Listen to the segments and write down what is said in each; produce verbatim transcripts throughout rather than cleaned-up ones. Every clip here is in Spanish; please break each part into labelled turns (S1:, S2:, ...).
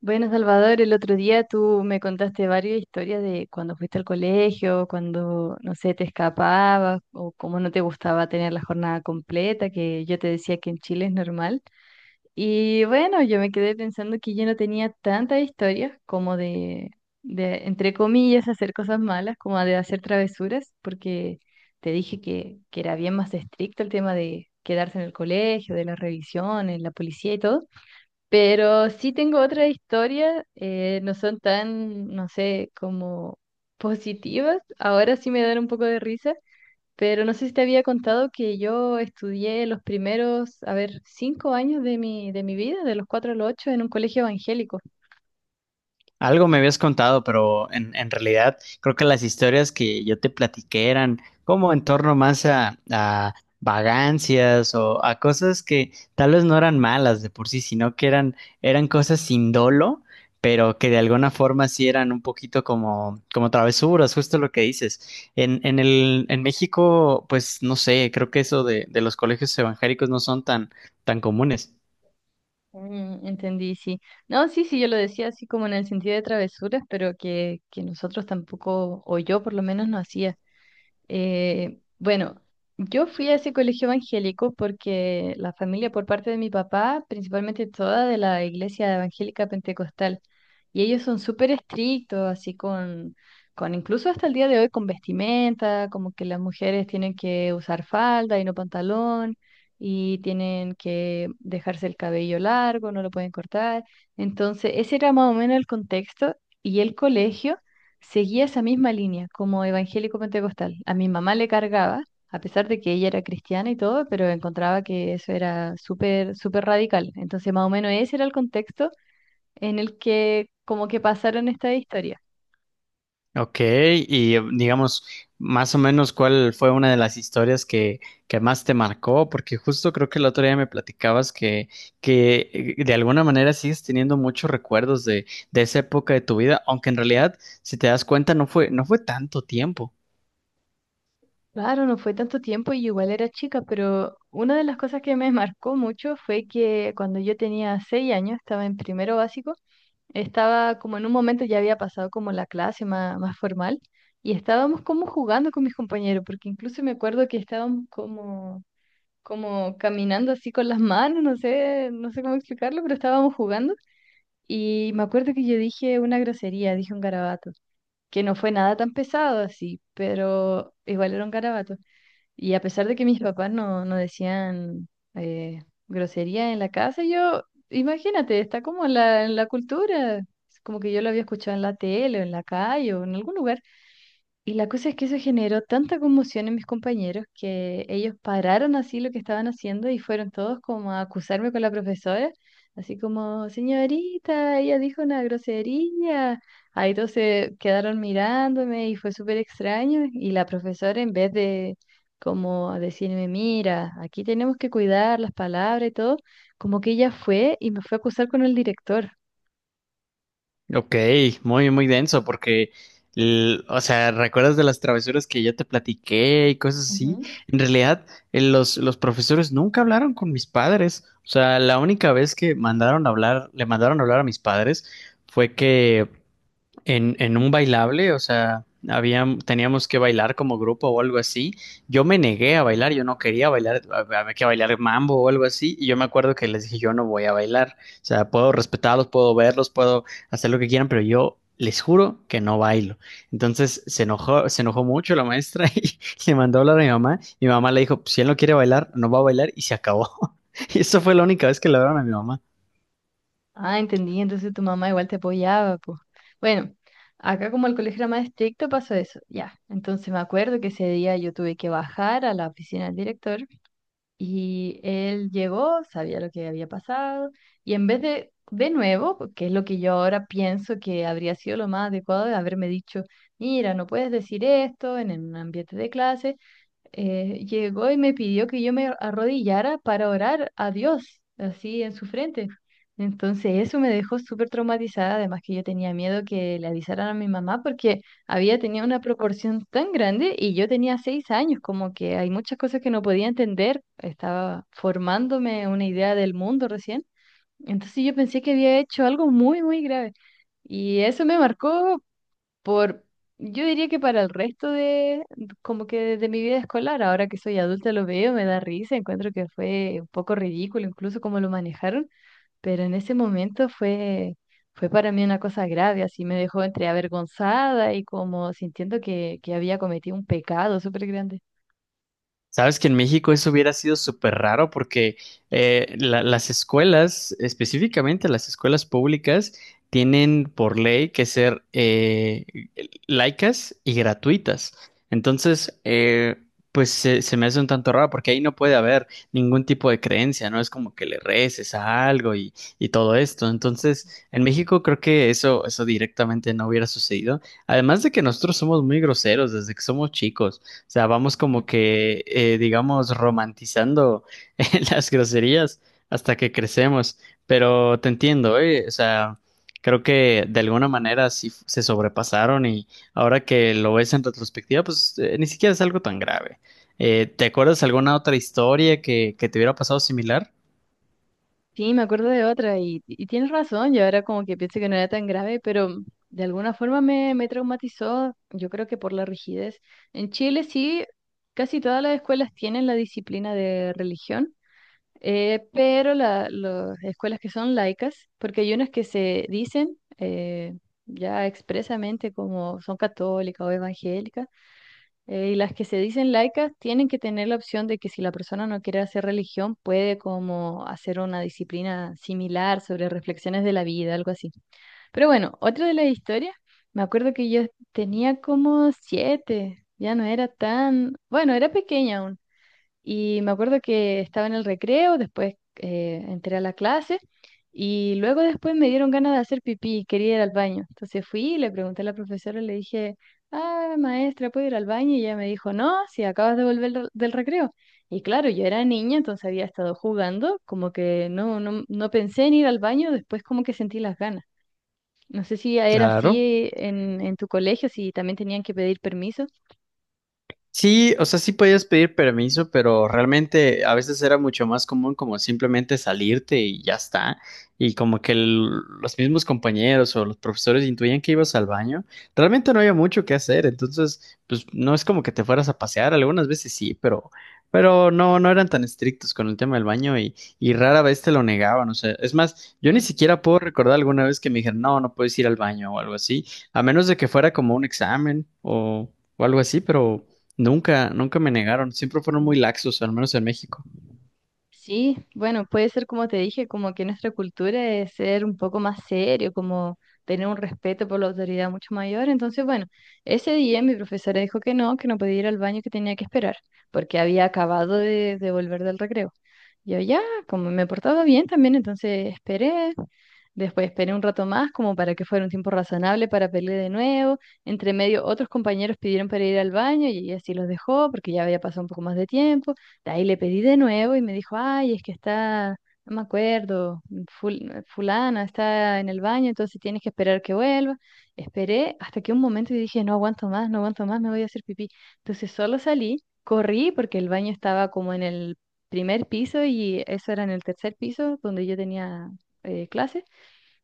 S1: Bueno, Salvador, el otro día tú me contaste varias historias de cuando fuiste al colegio, cuando, no sé, te escapabas o cómo no te gustaba tener la jornada completa, que yo te decía que en Chile es normal. Y bueno, yo me quedé pensando que yo no tenía tantas historias como de, de, entre comillas, hacer cosas malas, como de hacer travesuras, porque te dije que, que era bien más estricto el tema de quedarse en el colegio, de las revisiones, la policía y todo. Pero sí tengo otra historia, eh, no son tan, no sé, como positivas. Ahora sí me dan un poco de risa, pero no sé si te había contado que yo estudié los primeros, a ver, cinco años de mi, de mi vida, de los cuatro a los ocho, en un colegio evangélico.
S2: Algo me habías contado, pero en, en realidad creo que las historias que yo te platiqué eran como en torno más a, a vagancias o a cosas que tal vez no eran malas de por sí, sino que eran, eran cosas sin dolo, pero que de alguna forma sí eran un poquito como, como travesuras, justo lo que dices. En, en el, en México, pues no sé, creo que eso de, de los colegios evangélicos no son tan, tan comunes.
S1: Mm, entendí, sí. No, sí, sí, yo lo decía así como en el sentido de travesuras, pero que, que nosotros tampoco, o yo por lo menos no hacía. Eh, bueno, yo fui a ese colegio evangélico porque la familia por parte de mi papá, principalmente toda de la iglesia evangélica pentecostal, y ellos son súper estrictos, así con, con incluso hasta el día de hoy con vestimenta, como que las mujeres tienen que usar falda y no pantalón, y tienen que dejarse el cabello largo, no lo pueden cortar. Entonces, ese era más o menos el contexto y el colegio seguía esa misma línea como evangélico pentecostal. A mi mamá le cargaba, a pesar de que ella era cristiana y todo, pero encontraba que eso era súper, súper radical. Entonces, más o menos ese era el contexto en el que como que pasaron esta historia.
S2: Ok, y eh, digamos, más o menos, ¿cuál fue una de las historias que, que más te marcó? Porque justo creo que el otro día me platicabas que, que eh, de alguna manera sigues teniendo muchos recuerdos de, de esa época de tu vida, aunque en realidad, si te das cuenta, no fue, no fue tanto tiempo.
S1: Claro, no fue tanto tiempo y igual era chica, pero una de las cosas que me marcó mucho fue que cuando yo tenía seis años, estaba en primero básico, estaba como en un momento ya había pasado como la clase más, más formal y estábamos como jugando con mis compañeros, porque incluso me acuerdo que estábamos como, como caminando así con las manos, no sé, no sé cómo explicarlo, pero estábamos jugando y me acuerdo que yo dije una grosería, dije un garabato, que no fue nada tan pesado así, pero igual era un garabato. Y a pesar de que mis papás no, no decían eh, grosería en la casa, yo, imagínate, está como en la, en la cultura. Es como que yo lo había escuchado en la tele o en la calle o en algún lugar y la cosa es que eso generó tanta conmoción en mis compañeros que ellos pararon así lo que estaban haciendo y fueron todos como a acusarme con la profesora, así como, señorita, ella dijo una grosería. Ahí todos se quedaron mirándome y fue súper extraño. Y la profesora en vez de como decirme, mira, aquí tenemos que cuidar las palabras y todo, como que ella fue y me fue a acusar con el director.
S2: Ok, muy, muy denso, porque, l- o sea, ¿recuerdas de las travesuras que yo te platiqué y cosas así?
S1: Ujú.
S2: En realidad, eh, los, los profesores nunca hablaron con mis padres. O sea, la única vez que mandaron a hablar, le mandaron a hablar a mis padres fue que en, en un bailable, o sea, había, teníamos que bailar como grupo o algo así. Yo me negué a bailar, yo no quería bailar, a- había que bailar mambo o algo así. Y yo me acuerdo que les dije, yo no voy a bailar. O sea, puedo respetarlos, puedo verlos, puedo hacer lo que quieran, pero yo les juro que no bailo. Entonces se enojó, se enojó mucho la maestra y le mandó a hablar a mi mamá. Mi mamá le dijo, "Pues, si él no quiere bailar, no va a bailar y se acabó." Y eso fue la única vez que le hablaron a mi mamá.
S1: Ah, entendí. Entonces tu mamá igual te apoyaba, pues. Bueno, acá como el colegio era más estricto, pasó eso. Ya. Entonces me acuerdo que ese día yo tuve que bajar a la oficina del director y él llegó, sabía lo que había pasado y en vez de, de nuevo, que es lo que yo ahora pienso que habría sido lo más adecuado de haberme dicho, mira, no puedes decir esto en un ambiente de clase, eh, llegó y me pidió que yo me arrodillara para orar a Dios, así en su frente. Entonces eso me dejó súper traumatizada, además que yo tenía miedo que le avisaran a mi mamá porque había tenido una proporción tan grande y yo tenía seis años, como que hay muchas cosas que no podía entender, estaba formándome una idea del mundo recién. Entonces yo pensé que había hecho algo muy, muy grave. Y eso me marcó por, yo diría que para el resto de, como que de mi vida escolar, ahora que soy adulta lo veo, me da risa, encuentro que fue un poco ridículo incluso cómo lo manejaron, pero en ese momento fue, fue para mí una cosa grave, así me dejó entre avergonzada y como sintiendo que, que había cometido un pecado súper grande.
S2: Sabes que en México eso hubiera sido súper raro porque eh, la- las escuelas, específicamente las escuelas públicas, tienen por ley que ser eh, laicas y gratuitas. Entonces, eh, pues se, se me hace un tanto raro porque ahí no puede haber ningún tipo de creencia, ¿no? Es como que le reces a algo y, y todo esto. Entonces, en México creo que eso, eso directamente no hubiera sucedido. Además de que nosotros somos muy groseros desde que somos chicos. O sea, vamos como que, eh, digamos, romantizando las groserías hasta que crecemos. Pero te entiendo, ¿eh? O sea, creo que de alguna manera sí f- se sobrepasaron y ahora que lo ves en retrospectiva, pues eh, ni siquiera es algo tan grave. Eh, ¿te acuerdas alguna otra historia que, que te hubiera pasado similar?
S1: Sí, me acuerdo de otra y, y tienes razón, yo ahora como que pienso que no era tan grave, pero de alguna forma me, me traumatizó, yo creo que por la rigidez. En Chile sí, casi todas las escuelas tienen la disciplina de religión, eh, pero la- las escuelas que son laicas, porque hay unas que se dicen eh, ya expresamente como son católicas o evangélicas, eh, y las que se dicen laicas tienen que tener la opción de que si la persona no quiere hacer religión, puede como hacer una disciplina similar sobre reflexiones de la vida, algo así. Pero bueno, otra de las historias, me acuerdo que yo tenía como siete, ya no era tan, bueno, era pequeña y me acuerdo que estaba en el recreo, después eh, entré a la clase y luego después me dieron ganas de hacer pipí, quería ir al baño. Entonces fui y le pregunté a la profesora, le dije, ah, maestra, ¿puedo ir al baño? Y ella me dijo, no, si acabas de volver del del recreo. Y claro, yo era niña, entonces había estado jugando, como que no, no, no pensé en ir al baño, después como que sentí las ganas. No sé si era
S2: Claro.
S1: así en, en tu colegio, si también tenían que pedir permiso.
S2: Sí, o sea, sí podías pedir permiso, pero realmente a veces era mucho más común como simplemente salirte y ya está. Y como que el- los mismos compañeros o los profesores intuían que ibas al baño, realmente no había mucho que hacer. Entonces, pues no es como que te fueras a pasear, algunas veces sí, pero, pero no, no eran tan estrictos con el tema del baño y, y rara vez te lo negaban. O sea, es más, yo ni
S1: Mm.
S2: siquiera puedo recordar alguna vez que me dijeron, no, no puedes ir al baño o algo así, a menos de que fuera como un examen o o algo así, pero... Nunca, nunca me negaron. Siempre fueron
S1: Ujú.
S2: muy laxos, al menos en México.
S1: Sí, bueno, puede ser como te dije, como que nuestra cultura es ser un poco más serio, como tener un respeto por la autoridad mucho mayor. Entonces, bueno, ese día mi profesora dijo que no, que no podía ir al baño, que tenía que esperar, porque había acabado de, de volver del recreo. Yo ya, como me portaba bien también, entonces esperé, después esperé un rato más, como para que fuera un tiempo razonable para pelear de nuevo. Entre medio, otros compañeros pidieron para ir al baño y ella sí los dejó, porque ya había pasado un poco más de tiempo. De ahí le pedí de nuevo y me dijo, ay, es que está, no me acuerdo, ful- fulana está en el baño, entonces tienes que esperar que vuelva. Esperé hasta que un momento y dije, no aguanto más, no aguanto más, me voy a hacer pipí. Entonces solo salí, corrí porque el baño estaba como en el primer piso y eso era en el tercer piso donde yo tenía eh, clase.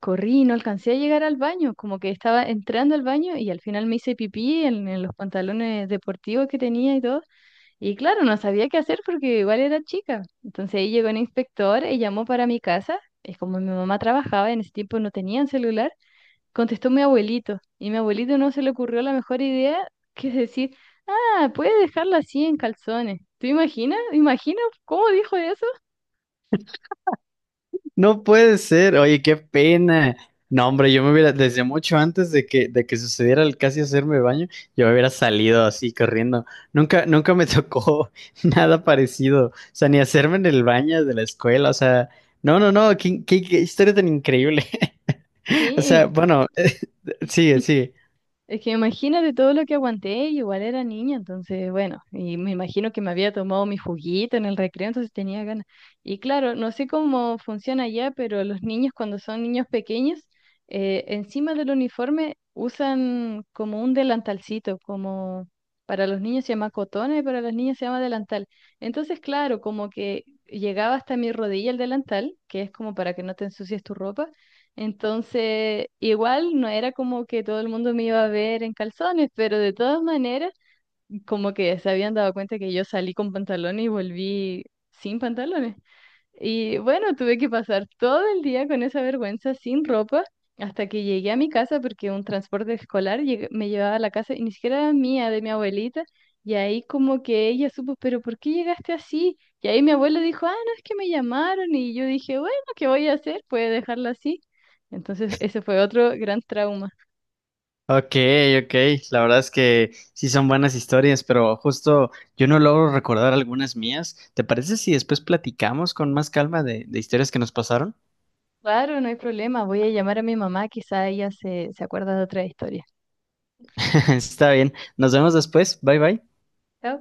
S1: Corrí y no alcancé a llegar al baño, como que estaba entrando al baño y al final me hice pipí en en los pantalones deportivos que tenía y todo. Y claro, no sabía qué hacer porque igual era chica. Entonces ahí llegó un inspector y llamó para mi casa. Es como mi mamá trabajaba, en ese tiempo no tenían celular. Contestó mi abuelito. Y mi abuelito no se le ocurrió la mejor idea que decir, ah, puede dejarla así en calzones. ¿Tú imaginas? ¿Imaginas cómo dijo eso?
S2: No puede ser. Oye, qué pena. No, hombre, yo me hubiera, desde mucho antes de que, de que sucediera el casi hacerme baño, yo me hubiera salido así corriendo. Nunca, nunca me tocó nada parecido. O sea, ni hacerme en el baño de la escuela. O sea, no, no, no. Qué, qué- qué historia tan increíble. O
S1: Sí,
S2: sea, bueno, sigue, sigue.
S1: es que imagínate todo lo que aguanté, y igual era niña, entonces, bueno, y me imagino que me había tomado mi juguito en el recreo, entonces tenía ganas. Y claro, no sé cómo funciona allá, pero los niños cuando son niños pequeños, eh, encima del uniforme usan como un delantalcito, como para los niños se llama cotona y para las niñas se llama delantal. Entonces, claro, como que llegaba hasta mi rodilla el delantal, que es como para que no te ensucies tu ropa entonces, igual no era como que todo el mundo me iba a ver en calzones, pero de todas maneras, como que se habían dado cuenta que yo salí con pantalones y volví sin pantalones. Y bueno, tuve que pasar todo el día con esa vergüenza sin ropa hasta que llegué a mi casa porque un transporte escolar llegue- me llevaba a la casa y ni siquiera era mía, de mi abuelita. Y ahí como que ella supo, pero ¿por qué llegaste así? Y ahí mi abuelo dijo, ah, no, es que me llamaron. Y yo dije, bueno, ¿qué voy a hacer? Puede dejarlo así. Entonces ese fue otro gran trauma.
S2: Ok, ok, la verdad es que sí son buenas historias, pero justo yo no logro recordar algunas mías. ¿Te parece si después platicamos con más calma de, de historias que nos pasaron?
S1: Claro, no hay problema, voy a llamar a mi mamá, quizá ella se, se acuerda de otra historia.
S2: Está bien, nos vemos después, bye bye.
S1: Chao.